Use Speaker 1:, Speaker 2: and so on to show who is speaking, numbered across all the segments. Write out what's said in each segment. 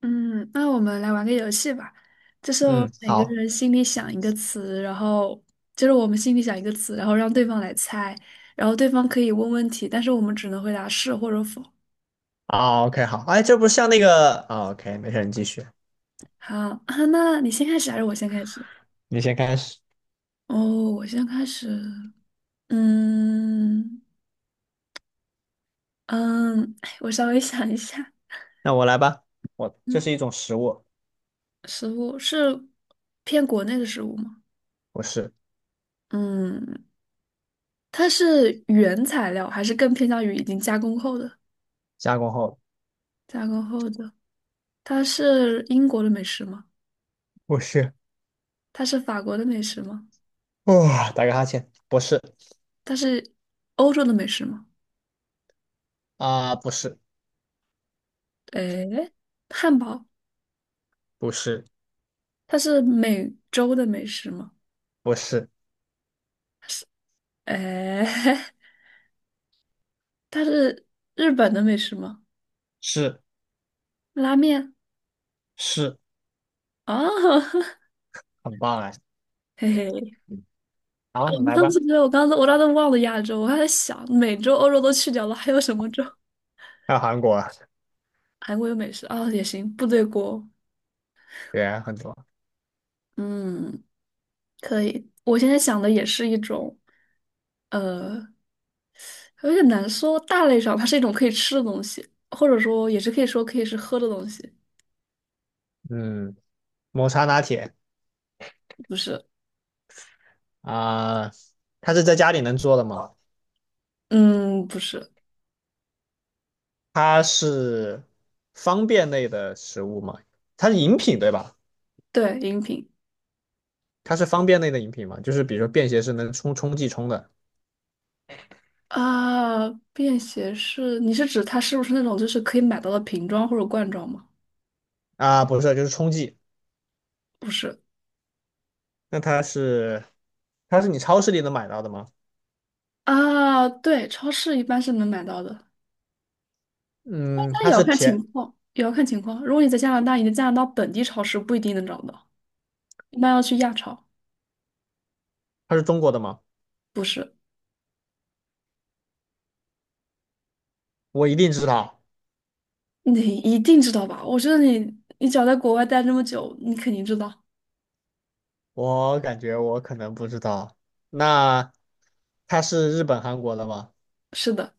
Speaker 1: 嗯，那我们来玩个游戏吧，就是我们
Speaker 2: 嗯，
Speaker 1: 每个
Speaker 2: 好。
Speaker 1: 人心里想一个词，然后就是我们心里想一个词，然后让对方来猜，然后对方可以问问题，但是我们只能回答是或者否。
Speaker 2: 啊，OK，好，哎，这不是像那个啊，OK，没事，你继续。
Speaker 1: 好，啊，那你先开始还是我先开始？
Speaker 2: 你先开始。
Speaker 1: 哦，我先开始。嗯嗯，哎我稍微想一下。
Speaker 2: 那我来吧。我这
Speaker 1: 嗯，
Speaker 2: 是一种食物。
Speaker 1: 食物是偏国内的食物吗？
Speaker 2: 不是。
Speaker 1: 嗯，它是原材料还是更偏向于已经加工后的？
Speaker 2: 加工后。
Speaker 1: 加工后的。它是英国的美食吗？
Speaker 2: 不是。
Speaker 1: 它是法国的美食吗？
Speaker 2: 哇、打个哈欠，不是。
Speaker 1: 它是欧洲的美食吗？
Speaker 2: 啊、不是。
Speaker 1: 诶，汉堡，
Speaker 2: 不是。
Speaker 1: 它是美洲的美食吗？
Speaker 2: 不是。
Speaker 1: 诶，它是日本的美食吗？
Speaker 2: 是。
Speaker 1: 拉面
Speaker 2: 是。
Speaker 1: 啊，
Speaker 2: 很棒哎。
Speaker 1: 嘿嘿，
Speaker 2: 嗯，好，
Speaker 1: 啊我
Speaker 2: 你来
Speaker 1: 当
Speaker 2: 吧。
Speaker 1: 时觉得我刚才忘了亚洲，我还在想美洲、欧洲都去掉了，还有什么洲？
Speaker 2: 还有韩国。
Speaker 1: 韩国有美食啊，也行，部队锅，
Speaker 2: 对，很多。
Speaker 1: 嗯，可以。我现在想的也是一种。呃有点难说，大类上它是一种可以吃的东西，或者说也是可以说可以是喝的东西，
Speaker 2: 嗯，抹茶拿铁。
Speaker 1: 不是？
Speaker 2: 啊、它是在家里能做的吗？
Speaker 1: 嗯，不是，
Speaker 2: 它是方便类的食物吗？它是饮品对吧？
Speaker 1: 对，饮品
Speaker 2: 它是方便类的饮品嘛，就是比如说便携式能冲剂冲的。
Speaker 1: 啊，便携式，你是指它是不是那种就是可以买到的瓶装或者罐装吗？
Speaker 2: 啊，不是，就是冲剂。
Speaker 1: 不是
Speaker 2: 那它是它是你超市里能买到的吗？
Speaker 1: 啊，对，超市一般是能买到的，但
Speaker 2: 嗯，
Speaker 1: 但也
Speaker 2: 它
Speaker 1: 要
Speaker 2: 是
Speaker 1: 看情
Speaker 2: 甜。
Speaker 1: 况，也要看情况。如果你在加拿大，你在加拿大本地超市不一定能找到，一般要去亚超。
Speaker 2: 它是中国的吗？
Speaker 1: 不是，
Speaker 2: 我一定知道。
Speaker 1: 你一定知道吧？我觉得你，你只要在国外待这么久，你肯定知道。
Speaker 2: 我感觉我可能不知道。那它是日本、韩国的吗？
Speaker 1: 是的。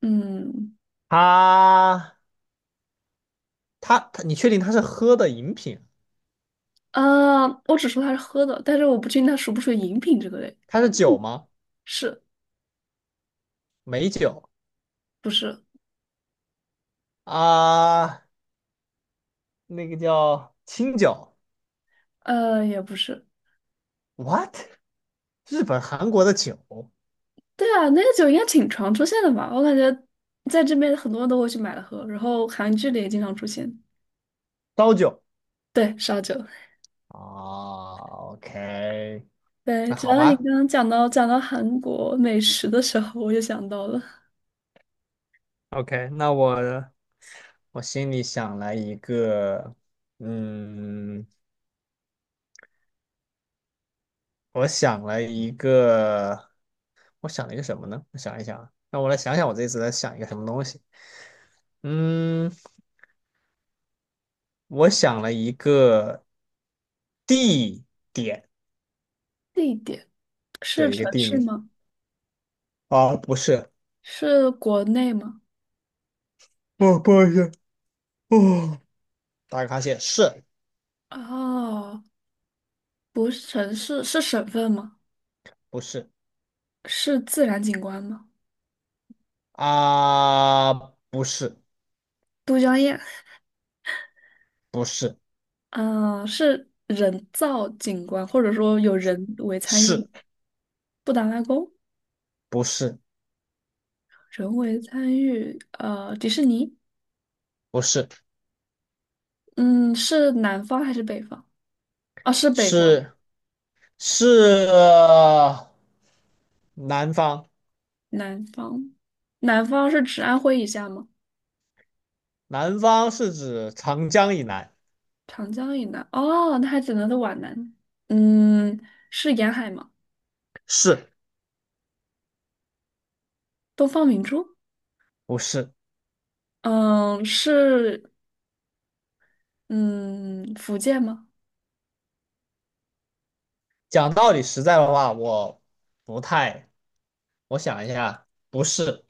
Speaker 1: 嗯
Speaker 2: 它它，你确定它是喝的饮品？
Speaker 1: 啊，我只说它是喝的，但是我不确定它属不属于饮品这个类，
Speaker 2: 它是酒吗？
Speaker 1: 是
Speaker 2: 美酒。
Speaker 1: 不是？
Speaker 2: 啊，那个叫清酒。
Speaker 1: 呃，也不是。
Speaker 2: What？日本、韩国的酒，
Speaker 1: 对啊，那个酒应该挺常出现的吧？我感觉在这边很多人都会去买了喝，然后韩剧里也经常出现。
Speaker 2: 刀酒。
Speaker 1: 对，烧酒。
Speaker 2: 哦，OK。
Speaker 1: 对，
Speaker 2: 那
Speaker 1: 只
Speaker 2: 好
Speaker 1: 要你
Speaker 2: 吧
Speaker 1: 刚刚讲到韩国美食的时候，我就想到了
Speaker 2: ，OK,那我心里想了一个。嗯，我想了一个。我想了一个什么呢？我想一想啊，那我来想想我这次在想一个什么东西。嗯，我想了一个地点。
Speaker 1: 地点是
Speaker 2: 对，一个
Speaker 1: 城
Speaker 2: 地
Speaker 1: 市
Speaker 2: 名。
Speaker 1: 吗？
Speaker 2: 啊，不是。
Speaker 1: 是国内吗？
Speaker 2: 不，不好意思。哦，打个哈欠，是。
Speaker 1: 哦，不是城市，是省份吗？
Speaker 2: 不是
Speaker 1: 是自然景观吗？
Speaker 2: 啊？不是。
Speaker 1: 都江堰。
Speaker 2: 不是。
Speaker 1: 啊，是人造景观，或者说有人为参与吗？
Speaker 2: 是。
Speaker 1: 布达拉宫，
Speaker 2: 不是。
Speaker 1: 人为参与，迪士尼，
Speaker 2: 不是。
Speaker 1: 嗯，是南方还是北方？啊，是北方，
Speaker 2: 是是呃南方。
Speaker 1: 南方，南方是指安徽以下吗？
Speaker 2: 南方是指长江以南。
Speaker 1: 长江以南，哦，那还只能是皖南，嗯，是沿海吗？
Speaker 2: 是。
Speaker 1: 东方明珠，
Speaker 2: 不是？
Speaker 1: 嗯，是，嗯，福建吗？
Speaker 2: 讲道理实在的话，我不太，我想一下，不是。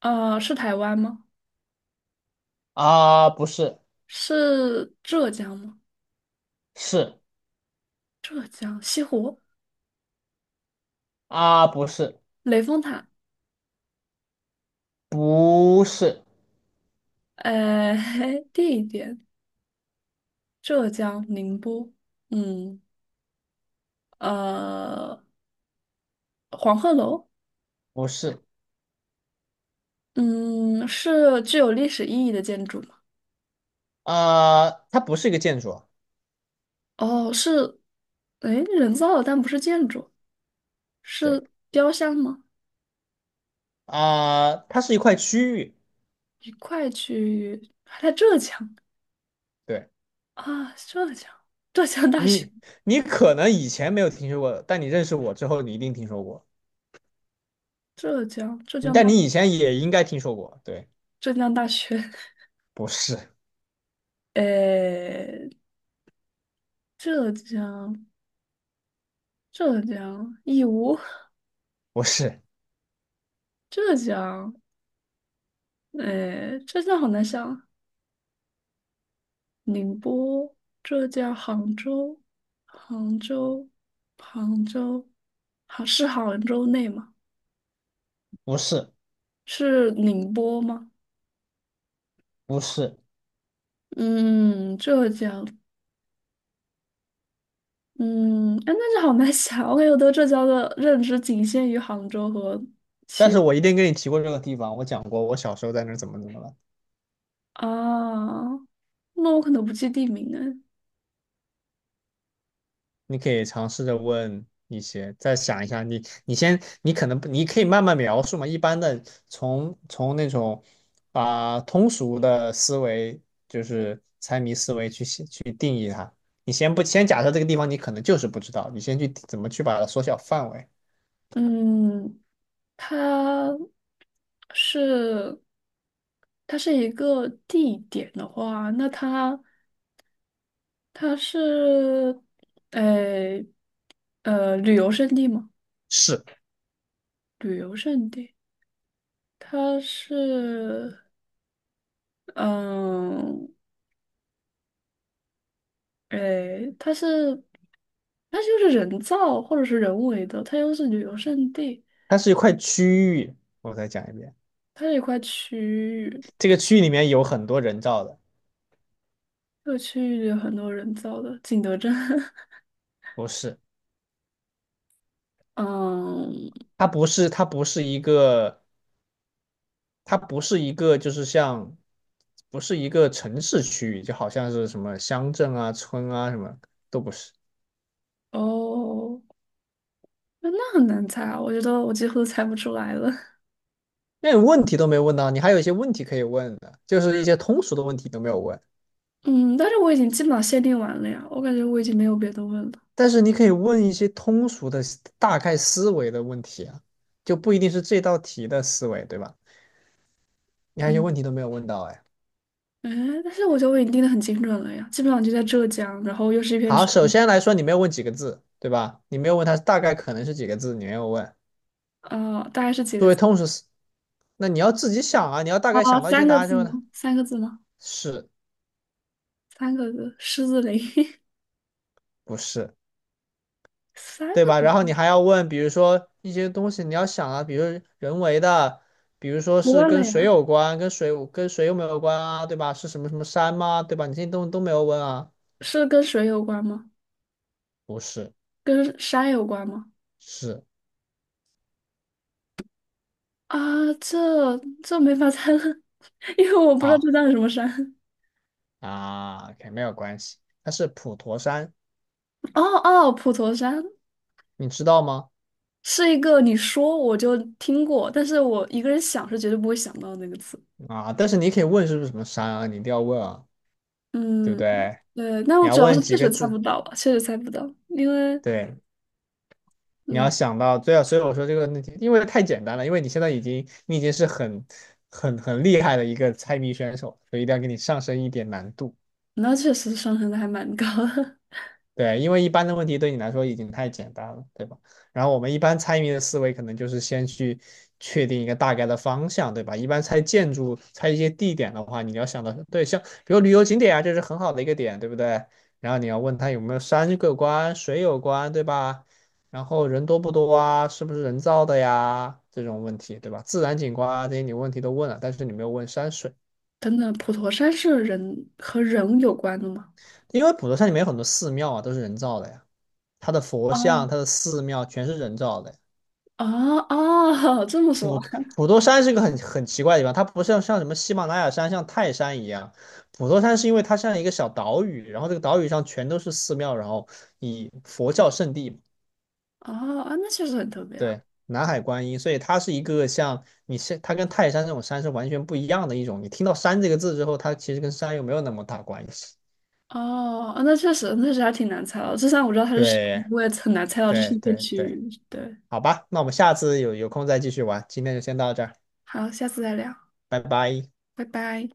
Speaker 1: 呃，是台湾吗？
Speaker 2: 啊，不是。
Speaker 1: 是浙江吗？
Speaker 2: 是。
Speaker 1: 浙江西湖。
Speaker 2: 啊，不是。
Speaker 1: 雷峰塔，
Speaker 2: 不是。
Speaker 1: 呃，地点浙江宁波，嗯，呃，黄鹤楼，
Speaker 2: 不是。
Speaker 1: 嗯，是具有历史意义的建筑吗？
Speaker 2: 啊，它不是一个建筑啊。
Speaker 1: 哦，是，哎，人造的，但不是建筑，
Speaker 2: 对
Speaker 1: 是雕像吗？
Speaker 2: 啊，它是一块区域。
Speaker 1: 一块去，还在浙江
Speaker 2: 对。
Speaker 1: 啊，浙江，浙江大学，
Speaker 2: 你，你可能以前没有听说过，但你认识我之后，你一定听说过。
Speaker 1: 浙江，浙
Speaker 2: 你
Speaker 1: 江
Speaker 2: 但
Speaker 1: 大，
Speaker 2: 你以前也应该听说过。对。
Speaker 1: 浙江大学，
Speaker 2: 不是。
Speaker 1: 呃，浙江，浙江，义乌，
Speaker 2: 不是。
Speaker 1: 浙江。哎，浙江好难想。宁波、浙江、杭州、杭州，杭是杭州内吗？
Speaker 2: 不是。
Speaker 1: 是宁波吗？
Speaker 2: 不是。
Speaker 1: 嗯，浙江，嗯，哎，那就好难想。我感觉我对浙江的认知仅限于杭州和
Speaker 2: 但是我一定跟你提过这个地方，我讲过我小时候在那儿怎么怎么了。
Speaker 1: 啊，那我可能不记地名哎。
Speaker 2: 你可以尝试着问一些，再想一下，你先，你可能不，你可以慢慢描述嘛。一般的从那种啊、通俗的思维，就是猜谜思维去写去定义它。你先不先假设这个地方你可能就是不知道，你先去怎么去把它缩小范围。
Speaker 1: 嗯，它是它是一个地点的话，那它它是，呃，旅游胜地吗？
Speaker 2: 是。
Speaker 1: 旅游胜地，它是，嗯，诶，它是，它就是人造或者是人为的，它又是旅游胜地，
Speaker 2: 它是一块区域，我再讲一遍。
Speaker 1: 它是一块区域，
Speaker 2: 这个区域里面有很多人造的。
Speaker 1: 这个区域有很多人造的，景德镇，
Speaker 2: 不是。
Speaker 1: 嗯，
Speaker 2: 它不是，它不是一个，它不是一个，就是像，不是一个城市区域，就好像是什么乡镇啊、村啊什么都不是。
Speaker 1: 哦，那那很难猜啊，我觉得我几乎都猜不出来了，
Speaker 2: 那你问题都没问到，你还有一些问题可以问的，就是一些通俗的问题都没有问。
Speaker 1: 嗯，但是我已经基本上限定完了呀，我感觉我已经没有别的问了。
Speaker 2: 但是你可以问一些通俗的大概思维的问题啊，就不一定是这道题的思维，对吧？你还有些问题
Speaker 1: 嗯。
Speaker 2: 都没有问到，哎。
Speaker 1: 哎，但是我觉得我已经定的很精准了呀，基本上就在浙江，然后又是一片
Speaker 2: 好，
Speaker 1: 区
Speaker 2: 首
Speaker 1: 域，
Speaker 2: 先来说，你没有问几个字，对吧？你没有问它大概可能是几个字，你没有问。
Speaker 1: 啊，大概是几个
Speaker 2: 作为
Speaker 1: 字？
Speaker 2: 通识思那你要自己想啊，你要大概
Speaker 1: 啊，
Speaker 2: 想到一些
Speaker 1: 三
Speaker 2: 答
Speaker 1: 个
Speaker 2: 案之
Speaker 1: 字
Speaker 2: 后呢，
Speaker 1: 吗？三个字吗？
Speaker 2: 是。
Speaker 1: 三个字，狮子林，
Speaker 2: 不是，
Speaker 1: 三
Speaker 2: 对
Speaker 1: 个
Speaker 2: 吧？然
Speaker 1: 字
Speaker 2: 后你还要问，比如说一些东西你要想啊，比如人为的，比如说
Speaker 1: 我
Speaker 2: 是
Speaker 1: 忘了
Speaker 2: 跟
Speaker 1: 呀，
Speaker 2: 水有关，跟水有没有关啊，对吧？是什么什么山吗？对吧？你这些东西都没有问啊。
Speaker 1: 是跟水有关吗？
Speaker 2: 不是。
Speaker 1: 跟山有关吗？
Speaker 2: 是。
Speaker 1: 啊，这这没法猜了，因为我不知道
Speaker 2: 啊
Speaker 1: 浙江有什么山。
Speaker 2: 啊，，OK,没有关系，它是普陀山，
Speaker 1: 哦哦，普陀山
Speaker 2: 你知道吗？
Speaker 1: 是一个你说我就听过，但是我一个人想是绝对不会想到的那个词。
Speaker 2: 啊，但是你可以问是不是什么山啊，你一定要问啊，对不
Speaker 1: 嗯，
Speaker 2: 对？
Speaker 1: 对，那
Speaker 2: 你
Speaker 1: 我
Speaker 2: 要
Speaker 1: 主要
Speaker 2: 问
Speaker 1: 是
Speaker 2: 几
Speaker 1: 确
Speaker 2: 个
Speaker 1: 实猜不
Speaker 2: 字。
Speaker 1: 到啊确实猜不到，因为
Speaker 2: 对，你要
Speaker 1: 嗯，
Speaker 2: 想到，对啊，所以我说这个问题，因为太简单了，因为你现在已经，你已经是很、很、很厉害的一个猜谜选手，所以一定要给你上升一点难度。
Speaker 1: 那确实上升的还蛮高的。
Speaker 2: 对，因为一般的问题对你来说已经太简单了，对吧？然后我们一般猜谜的思维可能就是先去确定一个大概的方向，对吧？一般猜建筑、猜一些地点的话，你要想到，对，像比如旅游景点啊，这是很好的一个点，对不对？然后你要问他有没有山有关、水有关，对吧？然后人多不多啊？是不是人造的呀？这种问题，对吧？自然景观啊，这些你问题都问了，但是你没有问山水。
Speaker 1: 等等，普陀山是人和人有关的吗？
Speaker 2: 因为普陀山里面有很多寺庙啊，都是人造的呀，它的佛像、
Speaker 1: 哦
Speaker 2: 它的寺庙全是人造的。
Speaker 1: 哦哦，这么说
Speaker 2: 普陀山是个很很奇怪的地方，它不像什么喜马拉雅山、像泰山一样，普陀山是因为它像一个小岛屿，然后这个岛屿上全都是寺庙，然后以佛教圣地嘛。
Speaker 1: 哦啊，那确实很特别啊。
Speaker 2: 对，南海观音，所以它是一个像你是它跟泰山这种山是完全不一样的一种。你听到山这个字之后，它其实跟山又没有那么大关系。
Speaker 1: 哦，啊那确实，那确实还挺难猜到。就算我知道它是什么
Speaker 2: 对
Speaker 1: 我也很难猜到这是
Speaker 2: 对
Speaker 1: 一片
Speaker 2: 对
Speaker 1: 区
Speaker 2: 对，
Speaker 1: 域。对，
Speaker 2: 好吧，那我们下次有空再继续玩，今天就先到这儿，
Speaker 1: 好，下次再聊，
Speaker 2: 拜拜。
Speaker 1: 拜拜。